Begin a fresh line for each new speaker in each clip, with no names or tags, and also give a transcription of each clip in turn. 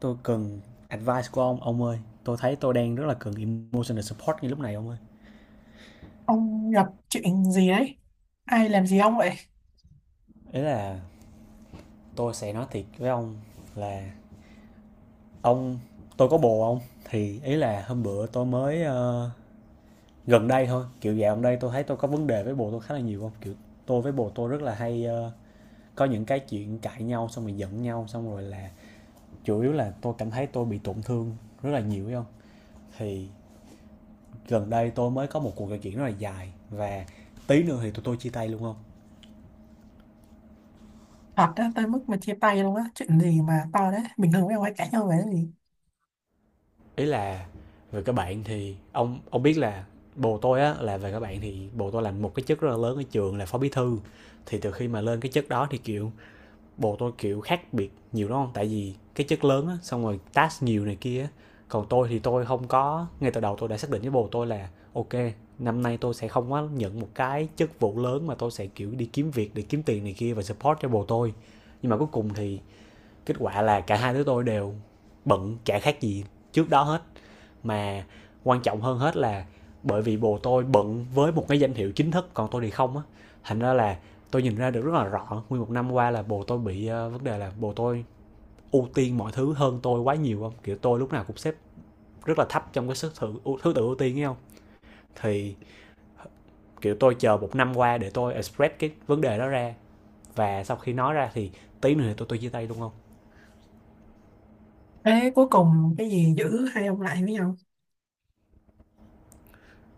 Tôi cần advice của ông ơi. Tôi thấy tôi đang rất là cần emotional support ngay lúc này ông ơi.
Ông gặp chuyện gì đấy? Ai làm gì ông vậy?
Ý là tôi sẽ nói thiệt với ông là, ông, tôi có bồ ông. Thì ý là hôm bữa tôi mới gần đây thôi, kiểu dạo gần đây tôi thấy tôi có vấn đề với bồ tôi khá là nhiều không? Kiểu tôi với bồ tôi rất là hay có những cái chuyện cãi nhau xong rồi giận nhau xong rồi là chủ yếu là tôi cảm thấy tôi bị tổn thương rất là nhiều phải không? Thì gần đây tôi mới có một cuộc trò chuyện rất là dài và tí nữa thì tụi tôi chia tay luôn không.
Thật đó, tới mức mà chia tay luôn á. Chuyện gì mà to đấy? Bình thường mấy ông hay cãi nhau về cái gì?
Ý là về các bạn thì ông biết là bồ tôi á, là về các bạn thì bồ tôi làm một cái chức rất là lớn ở trường là phó bí thư. Thì từ khi mà lên cái chức đó thì kiểu bồ tôi kiểu khác biệt nhiều đúng không, tại vì cái chức lớn á, xong rồi task nhiều này kia. Còn tôi thì tôi không có, ngay từ đầu tôi đã xác định với bồ tôi là ok năm nay tôi sẽ không có nhận một cái chức vụ lớn mà tôi sẽ kiểu đi kiếm việc để kiếm tiền này kia và support cho bồ tôi. Nhưng mà cuối cùng thì kết quả là cả hai đứa tôi đều bận chả khác gì trước đó hết. Mà quan trọng hơn hết là bởi vì bồ tôi bận với một cái danh hiệu chính thức còn tôi thì không á, thành ra là tôi nhìn ra được rất là rõ nguyên một năm qua là bồ tôi bị vấn đề là bồ tôi ưu tiên mọi thứ hơn tôi quá nhiều không, kiểu tôi lúc nào cũng xếp rất là thấp trong thứ tự ưu tiên ấy không. Thì kiểu tôi chờ một năm qua để tôi express cái vấn đề đó ra, và sau khi nói ra thì tí nữa thì tôi chia tay luôn không.
Thế cuối cùng cái gì giữ hai ông lại với nhau?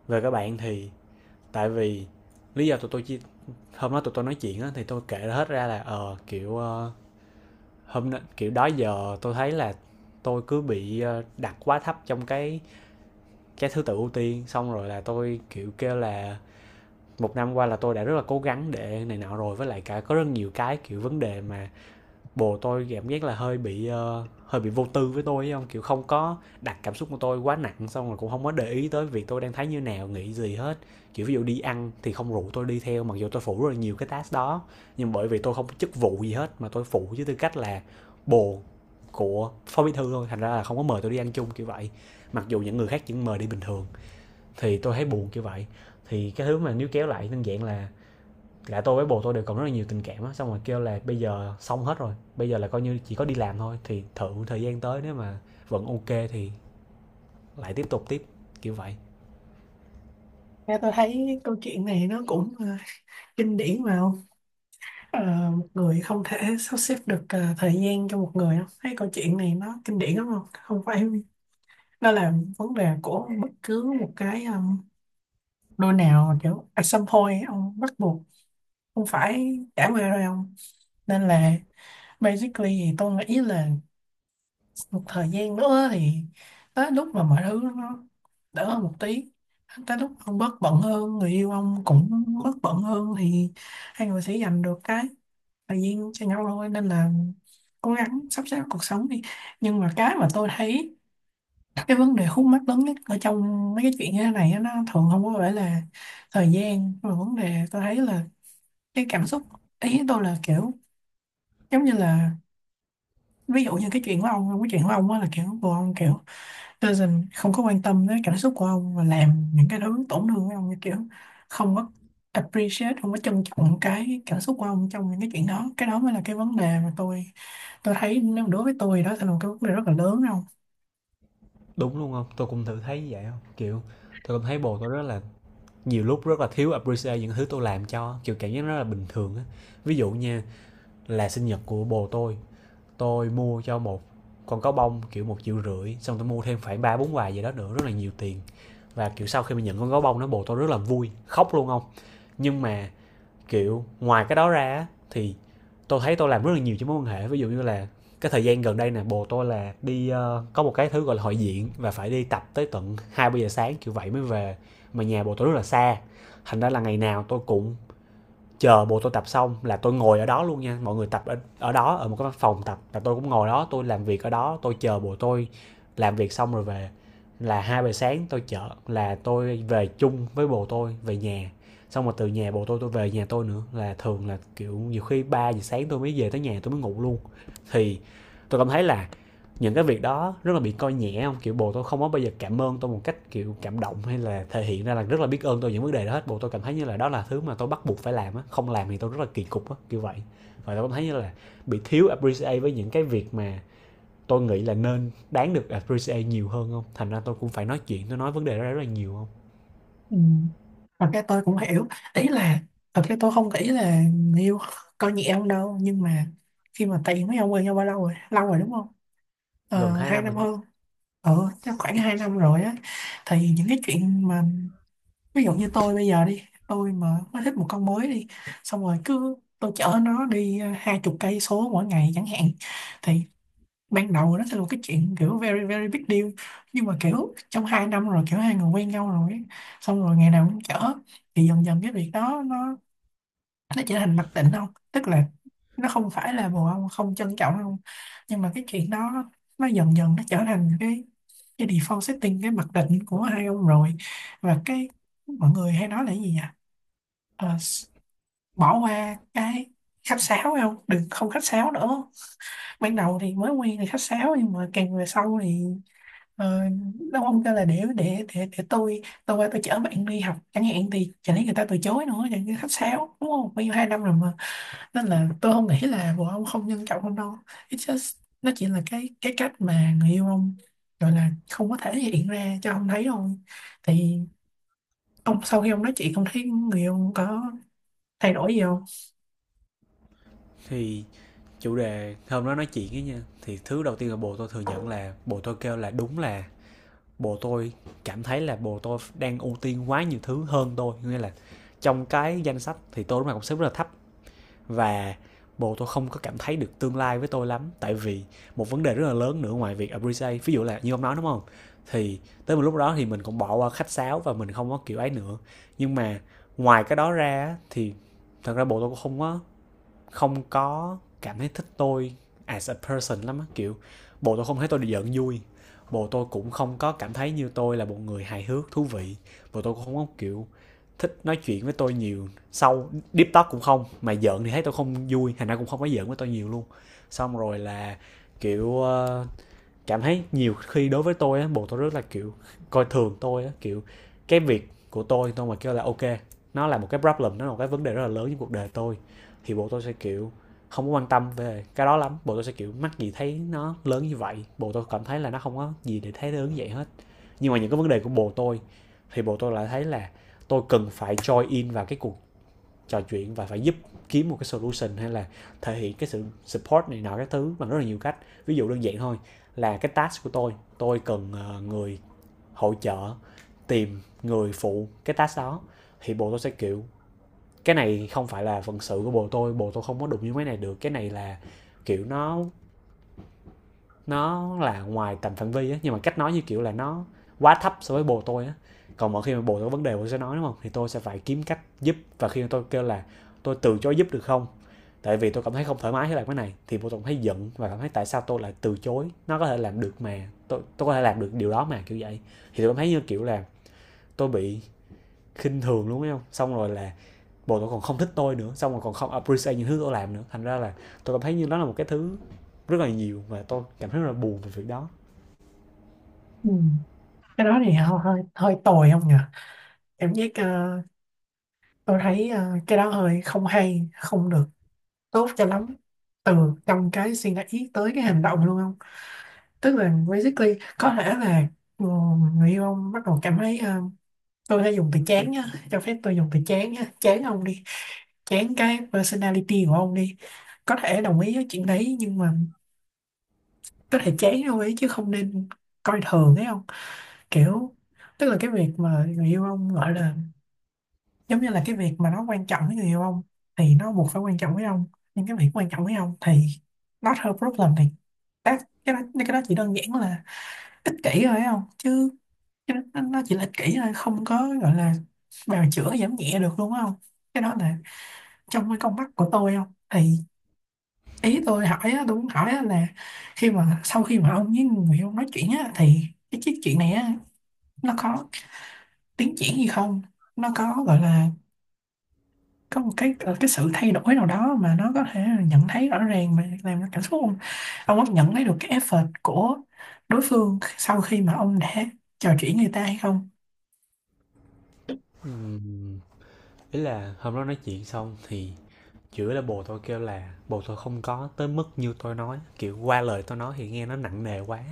Về các bạn thì tại vì lý do tụi tôi chia, hôm đó tụi tôi nói chuyện á thì tôi kể hết ra là kiểu hôm nay kiểu đó giờ tôi thấy là tôi cứ bị đặt quá thấp trong cái thứ tự ưu tiên, xong rồi là tôi kiểu kêu là một năm qua là tôi đã rất là cố gắng để này nọ rồi, với lại cả có rất nhiều cái kiểu vấn đề mà bồ tôi cảm giác là hơi bị vô tư với tôi ấy không, kiểu không có đặt cảm xúc của tôi quá nặng xong rồi cũng không có để ý tới việc tôi đang thấy như nào nghĩ gì hết. Kiểu ví dụ đi ăn thì không rủ tôi đi theo mặc dù tôi phụ rất là nhiều cái task đó, nhưng bởi vì tôi không có chức vụ gì hết mà tôi phụ với tư cách là bồ của phó bí thư thôi, thành ra là không có mời tôi đi ăn chung kiểu vậy, mặc dù những người khác chỉ mời đi bình thường, thì tôi thấy buồn kiểu vậy. Thì cái thứ mà níu kéo lại đơn giản là cả tôi với bồ tôi đều còn rất là nhiều tình cảm á, xong rồi kêu là bây giờ xong hết rồi, bây giờ là coi như chỉ có đi làm thôi, thì thử thời gian tới nếu mà vẫn ok thì lại tiếp tục tiếp kiểu vậy.
Nghe tôi thấy câu chuyện này nó cũng kinh điển mà không? Một người không thể sắp xếp được thời gian cho một người không? Thấy câu chuyện này nó kinh điển lắm không? Không phải nó là vấn đề của bất cứ một cái đôi nào, kiểu at some point ông bắt buộc không phải trải qua rồi không? Nên là Basically thì tôi nghĩ là một thời gian nữa thì tới lúc mà mọi thứ nó đỡ hơn một tí, tới lúc ông bớt bận hơn, người yêu ông cũng bớt bận hơn thì hai người sẽ dành được cái thời gian cho nhau thôi, nên là cố gắng sắp xếp cuộc sống đi. Nhưng mà cái mà tôi thấy cái vấn đề khúc mắc lớn nhất ở trong mấy cái chuyện như thế này á, nó thường không có phải là thời gian, mà vấn đề tôi thấy là cái cảm xúc. Ý tôi là kiểu giống như là ví dụ như cái chuyện của ông, cái chuyện của ông á là kiểu của ông kiểu doesn't không có quan tâm tới cảm xúc của ông và làm những cái thứ tổn thương với ông, như kiểu không có appreciate, không có trân trọng cái cảm xúc của ông trong những cái chuyện đó. Cái đó mới là cái vấn đề mà tôi thấy, nếu đối với tôi đó sẽ là một cái vấn đề rất là lớn không.
Đúng luôn không, tôi cũng thử thấy vậy không, kiểu tôi cũng thấy bồ tôi rất là nhiều lúc rất là thiếu appreciate những thứ tôi làm cho, kiểu cảm giác rất là bình thường á. Ví dụ nha, là sinh nhật của bồ tôi mua cho một con cá bông kiểu 1,5 triệu, xong tôi mua thêm khoảng ba bốn hoài gì đó nữa, rất là nhiều tiền. Và kiểu sau khi mình nhận con cá bông nó bồ tôi rất là vui khóc luôn không. Nhưng mà kiểu ngoài cái đó ra thì tôi thấy tôi làm rất là nhiều cho mối quan hệ. Ví dụ như là cái thời gian gần đây nè bồ tôi là đi có một cái thứ gọi là hội diện và phải đi tập tới tận hai ba giờ sáng kiểu vậy mới về, mà nhà bồ tôi rất là xa, thành ra là ngày nào tôi cũng chờ bộ tôi tập xong là tôi ngồi ở đó luôn nha, mọi người tập ở đó, ở một cái phòng tập là tôi cũng ngồi đó tôi làm việc ở đó tôi chờ bộ tôi làm việc xong rồi về, là 2 giờ sáng tôi chở, là tôi về chung với bồ tôi về nhà, xong rồi từ nhà bồ tôi về nhà tôi nữa là thường là kiểu nhiều khi 3 giờ sáng tôi mới về tới nhà, tôi mới ngủ luôn. Thì tôi cảm thấy là những cái việc đó rất là bị coi nhẹ không, kiểu bồ tôi không có bao giờ cảm ơn tôi một cách kiểu cảm động hay là thể hiện ra là rất là biết ơn tôi những vấn đề đó hết, bồ tôi cảm thấy như là đó là thứ mà tôi bắt buộc phải làm á, không làm thì tôi rất là kỳ cục á kiểu vậy. Và tôi cảm thấy như là bị thiếu appreciate với những cái việc mà tôi nghĩ là nên đáng được appreciate nhiều hơn không, thành ra tôi cũng phải nói chuyện, tôi nói vấn đề đó rất là nhiều không.
Ừ. Và cái tôi cũng hiểu, ý là thật ra tôi không nghĩ là người yêu coi nhẹ ông đâu, nhưng mà khi mà tiền mấy ông quen nhau bao lâu rồi, lâu rồi đúng không?
Gần hai
Hai
năm rồi
năm
đó.
hơn. Ừ, chắc khoảng 2 năm rồi á. Thì những cái chuyện mà ví dụ như tôi bây giờ đi, tôi mà mới thích một con mới đi, xong rồi cứ tôi chở nó đi 20 cây số mỗi ngày chẳng hạn, thì ban đầu nó sẽ là một cái chuyện kiểu very very big deal, nhưng mà kiểu trong 2 năm rồi, kiểu hai người quen nhau rồi ấy, xong rồi ngày nào cũng chở thì dần dần cái việc đó nó trở thành mặc định không, tức là nó không phải là bồ ông không trân trọng không, nhưng mà cái chuyện đó nó dần dần nó trở thành cái default setting, cái mặc định của hai ông rồi. Và cái mọi người hay nói là cái gì nhỉ, Ờ, s- bỏ qua cái khách sáo không, đừng không khách sáo nữa. Ban đầu thì mới quen thì khách sáo, nhưng mà càng về sau thì ờ, nó không, kêu là để tôi qua tôi chở bạn đi học chẳng hạn thì chẳng lẽ người ta từ chối nữa, chẳng cái khách sáo đúng không, bao nhiêu 2 năm rồi. Nên là tôi không nghĩ là vợ ông không nhân trọng ông đâu, it's just nó chỉ là cái cách mà người yêu ông gọi là không có thể hiện ra cho ông thấy thôi. Thì ông sau khi ông nói chuyện, ông thấy người yêu ông có thay đổi gì không?
Thì chủ đề hôm đó nói chuyện ấy nha, thì thứ đầu tiên là bồ tôi thừa nhận là bồ tôi kêu là đúng là bồ tôi cảm thấy là bồ tôi đang ưu tiên quá nhiều thứ hơn tôi, nghĩa là trong cái danh sách thì tôi lúc nào cũng xếp rất là thấp, và bồ tôi không có cảm thấy được tương lai với tôi lắm, tại vì một vấn đề rất là lớn nữa ngoài việc appreciate, ví dụ là như ông nói đúng không, thì tới một lúc đó thì mình cũng bỏ qua khách sáo và mình không có kiểu ấy nữa. Nhưng mà ngoài cái đó ra thì thật ra bồ tôi cũng không có cảm thấy thích tôi as a person lắm á, kiểu bộ tôi không thấy tôi được giận vui, bộ tôi cũng không có cảm thấy như tôi là một người hài hước thú vị, bộ tôi cũng không có kiểu thích nói chuyện với tôi nhiều, sâu deep talk cũng không, mà giận thì thấy tôi không vui thành ra cũng không có giận với tôi nhiều luôn. Xong rồi là kiểu cảm thấy nhiều khi đối với tôi á bồ tôi rất là kiểu coi thường tôi á, kiểu cái việc của tôi mà kêu là ok nó là một cái problem nó là một cái vấn đề rất là lớn trong cuộc đời tôi, thì bộ tôi sẽ kiểu không có quan tâm về cái đó lắm, bộ tôi sẽ kiểu mắc gì thấy nó lớn như vậy, bộ tôi cảm thấy là nó không có gì để thấy lớn như vậy hết. Nhưng mà những cái vấn đề của bồ tôi thì bồ tôi lại thấy là tôi cần phải join in vào cái cuộc trò chuyện và phải giúp kiếm một cái solution hay là thể hiện cái sự support này nọ các thứ bằng rất là nhiều cách. Ví dụ đơn giản thôi, là cái task của tôi cần người hỗ trợ tìm người phụ cái task đó, thì bộ tôi sẽ kiểu cái này không phải là phận sự của bộ tôi, bộ tôi không có đụng như mấy này được, cái này là kiểu nó là ngoài tầm phạm vi á, nhưng mà cách nói như kiểu là nó quá thấp so với bồ tôi á. Còn mỗi khi mà bồ tôi có vấn đề bồ sẽ nói đúng không, thì tôi sẽ phải kiếm cách giúp, và khi tôi kêu là tôi từ chối giúp được không, tại vì tôi cảm thấy không thoải mái với lại cái này thì bồ tôi cũng thấy giận và cảm thấy tại sao tôi lại từ chối, nó có thể làm được mà, tôi có thể làm được điều đó mà kiểu vậy. Thì tôi cảm thấy như kiểu là tôi bị khinh thường luôn thấy không, xong rồi là bộ tôi còn không thích tôi nữa xong rồi còn không appreciate những thứ tôi làm nữa, thành ra là tôi cảm thấy như đó là một cái thứ rất là nhiều, và tôi cảm thấy rất là buồn về việc đó.
Ừ. Cái đó thì họ hơi hơi tồi không nhỉ, cảm giác tôi thấy cái đó hơi không hay, không được tốt cho lắm, từ trong cái suy nghĩ tới cái hành động luôn không. Tức là basically có thể là ừ, người yêu ông bắt đầu cảm thấy tôi đã dùng từ chán nhá, cho phép tôi dùng từ chán nhá, chán ông đi, chán cái personality của ông đi, có thể đồng ý với chuyện đấy. Nhưng mà có thể chán ông ấy chứ không nên coi thường, thấy không. Kiểu tức là cái việc mà người yêu ông gọi là, giống như là cái việc mà nó quan trọng với người yêu ông thì nó buộc phải quan trọng với ông, nhưng cái việc quan trọng với ông thì not her problem, thì that, cái đó chỉ đơn giản là ích kỷ thôi, thấy không, chứ cái đó, nó chỉ là ích kỷ thôi, không có gọi là bào chữa giảm nhẹ được luôn á không, cái đó là trong cái con mắt của tôi không. Thì ý tôi hỏi á, tôi muốn hỏi á là khi mà sau khi mà ông với người ông nói chuyện á thì cái chiếc chuyện này á, nó có tiến triển gì không, nó có gọi là có một cái cái sự thay đổi nào đó mà nó có thể nhận thấy rõ ràng mà làm cho cảm xúc ông có nhận thấy được cái effort của đối phương sau khi mà ông đã trò chuyện người ta hay không?
Ừm, Ý là hôm đó nói chuyện xong thì chửi là, bồ tôi kêu là bồ tôi không có tới mức như tôi nói, kiểu qua lời tôi nói thì nghe nó nặng nề quá.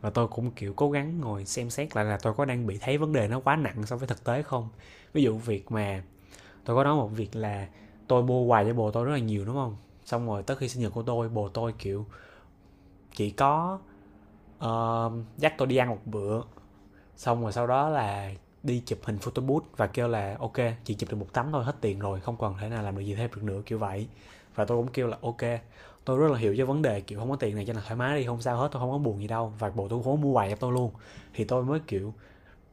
Và tôi cũng kiểu cố gắng ngồi xem xét lại là tôi có đang bị thấy vấn đề nó quá nặng so với thực tế không. Ví dụ việc mà tôi có nói một việc là tôi mua quà cho bồ tôi rất là nhiều đúng không, xong rồi tới khi sinh nhật của tôi, bồ tôi kiểu chỉ có ờ, dắt tôi đi ăn một bữa, xong rồi sau đó là đi chụp hình photo booth và kêu là ok, chỉ chụp được một tấm thôi, hết tiền rồi không còn thể nào làm được gì thêm được nữa, kiểu vậy. Và tôi cũng kêu là ok, tôi rất là hiểu cho vấn đề kiểu không có tiền này, cho nên thoải mái đi không sao hết, tôi không có buồn gì đâu, và bồ tôi cũng không mua quà cho tôi luôn. Thì tôi mới kiểu,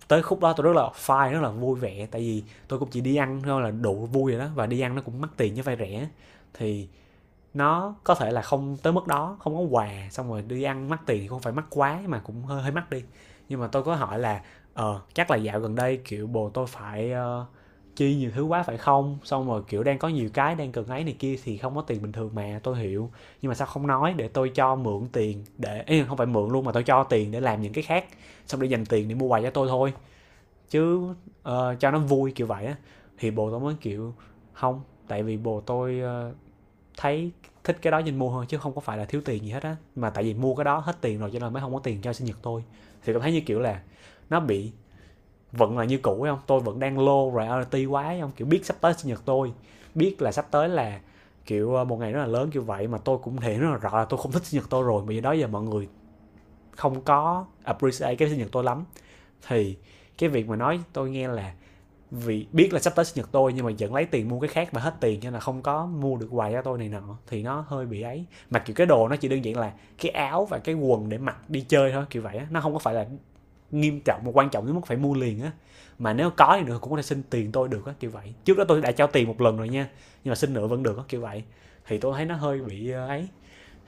tới khúc đó tôi rất là fine, rất là vui vẻ, tại vì tôi cũng chỉ đi ăn thôi là đủ vui rồi đó, và đi ăn nó cũng mắc tiền chứ vay rẻ. Thì nó có thể là không tới mức đó, không có quà xong rồi đi ăn mắc tiền thì không phải mắc quá mà cũng hơi hơi mắc đi. Nhưng mà tôi có hỏi là ờ chắc là dạo gần đây kiểu bồ tôi phải chi nhiều thứ quá phải không, xong rồi kiểu đang có nhiều cái đang cần ấy này kia thì không có tiền bình thường, mà tôi hiểu. Nhưng mà sao không nói để tôi cho mượn tiền, để ý không phải mượn luôn mà tôi cho tiền để làm những cái khác, xong để dành tiền để mua quà cho tôi thôi chứ, cho nó vui kiểu vậy á. Thì bồ tôi mới kiểu không, tại vì bồ tôi thấy thích cái đó nên mua hơn, chứ không có phải là thiếu tiền gì hết á, mà tại vì mua cái đó hết tiền rồi cho nên mới không có tiền cho sinh nhật tôi. Thì cảm thấy như kiểu là nó bị vẫn là như cũ ấy không, tôi vẫn đang low priority quá ấy không, kiểu biết sắp tới sinh nhật tôi, biết là sắp tới là kiểu một ngày rất là lớn kiểu vậy, mà tôi cũng thể hiện rất là rõ là tôi không thích sinh nhật tôi rồi, bởi vì đó giờ mọi người không có appreciate cái sinh nhật tôi lắm. Thì cái việc mà nói tôi nghe là vì biết là sắp tới sinh nhật tôi nhưng mà vẫn lấy tiền mua cái khác và hết tiền cho nên là không có mua được quà cho tôi này nọ, thì nó hơi bị ấy. Mặc kiểu cái đồ nó chỉ đơn giản là cái áo và cái quần để mặc đi chơi thôi kiểu vậy á, nó không có phải là nghiêm trọng mà quan trọng đến mức phải mua liền á. Mà nếu có thì nữa cũng có thể xin tiền tôi được á kiểu vậy, trước đó tôi đã trao tiền một lần rồi nha, nhưng mà xin nữa vẫn được á kiểu vậy. Thì tôi thấy nó hơi bị ấy.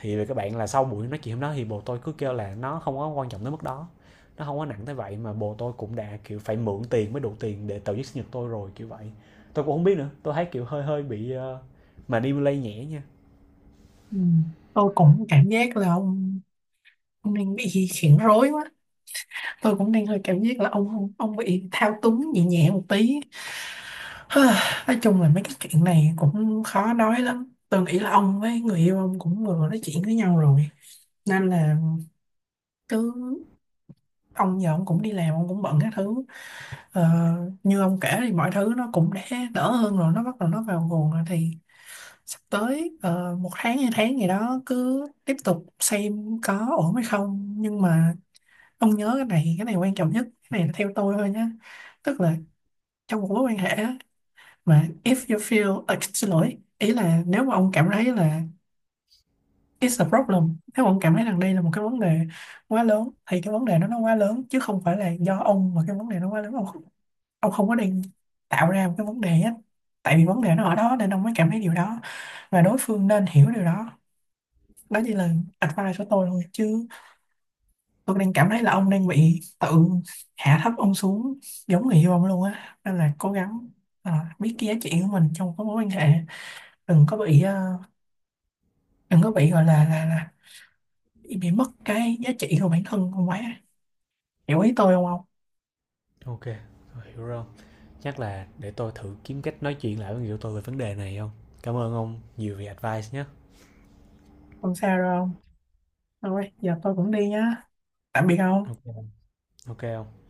Thì các bạn là sau buổi nói chuyện hôm đó thì bồ tôi cứ kêu là nó không có quan trọng tới mức đó, nó không có nặng tới vậy, mà bồ tôi cũng đã kiểu phải mượn tiền mới đủ tiền để tổ chức sinh nhật tôi rồi kiểu vậy. Tôi cũng không biết nữa, tôi thấy kiểu hơi hơi bị mà đi lây nhẹ nha.
Ừ. Tôi cũng cảm giác là ông đang bị khiển rối quá, tôi cũng đang hơi cảm giác là ông bị thao túng nhẹ nhẹ một tí. Nói chung là mấy cái chuyện này cũng khó nói lắm, tôi nghĩ là ông với người yêu ông cũng vừa nói chuyện với nhau rồi nên là cứ, ông giờ ông cũng đi làm, ông cũng bận các thứ, ờ, như ông kể thì mọi thứ nó cũng đã đỡ hơn rồi, nó bắt đầu nó vào guồng rồi. Thì sắp tới 1 tháng 2 tháng gì đó cứ tiếp tục xem có ổn hay không. Nhưng mà ông nhớ cái này, cái này quan trọng nhất, cái này là theo tôi thôi nhé. Tức là trong một mối quan hệ á, mà if you feel à, xin lỗi, ý là nếu mà ông cảm thấy là it's a problem, nếu mà ông cảm thấy rằng đây là một cái vấn đề quá lớn thì cái vấn đề nó quá lớn, chứ không phải là do ông mà cái vấn đề nó quá lớn, ông không có đang tạo ra một cái vấn đề á, tại vì vấn đề nó ở đó nên ông mới cảm thấy điều đó, và đối phương nên hiểu điều đó. Đó chỉ là advice của tôi thôi, chứ tôi đang cảm thấy là ông đang bị tự hạ thấp ông xuống giống người yêu ông luôn á, nên là cố gắng, à, biết cái giá trị của mình trong cái mối quan hệ, đừng có bị đừng có bị gọi là bị mất cái giá trị của bản thân không quá, hiểu ý tôi không không?
Ok, tôi hiểu rồi, chắc là để tôi thử kiếm cách nói chuyện lại với người yêu tôi về vấn đề này không. Cảm ơn ông nhiều vì advice nhé.
Không sao đâu, không thôi giờ tôi cũng đi nhá, tạm biệt
Ok.
ông.
Ok không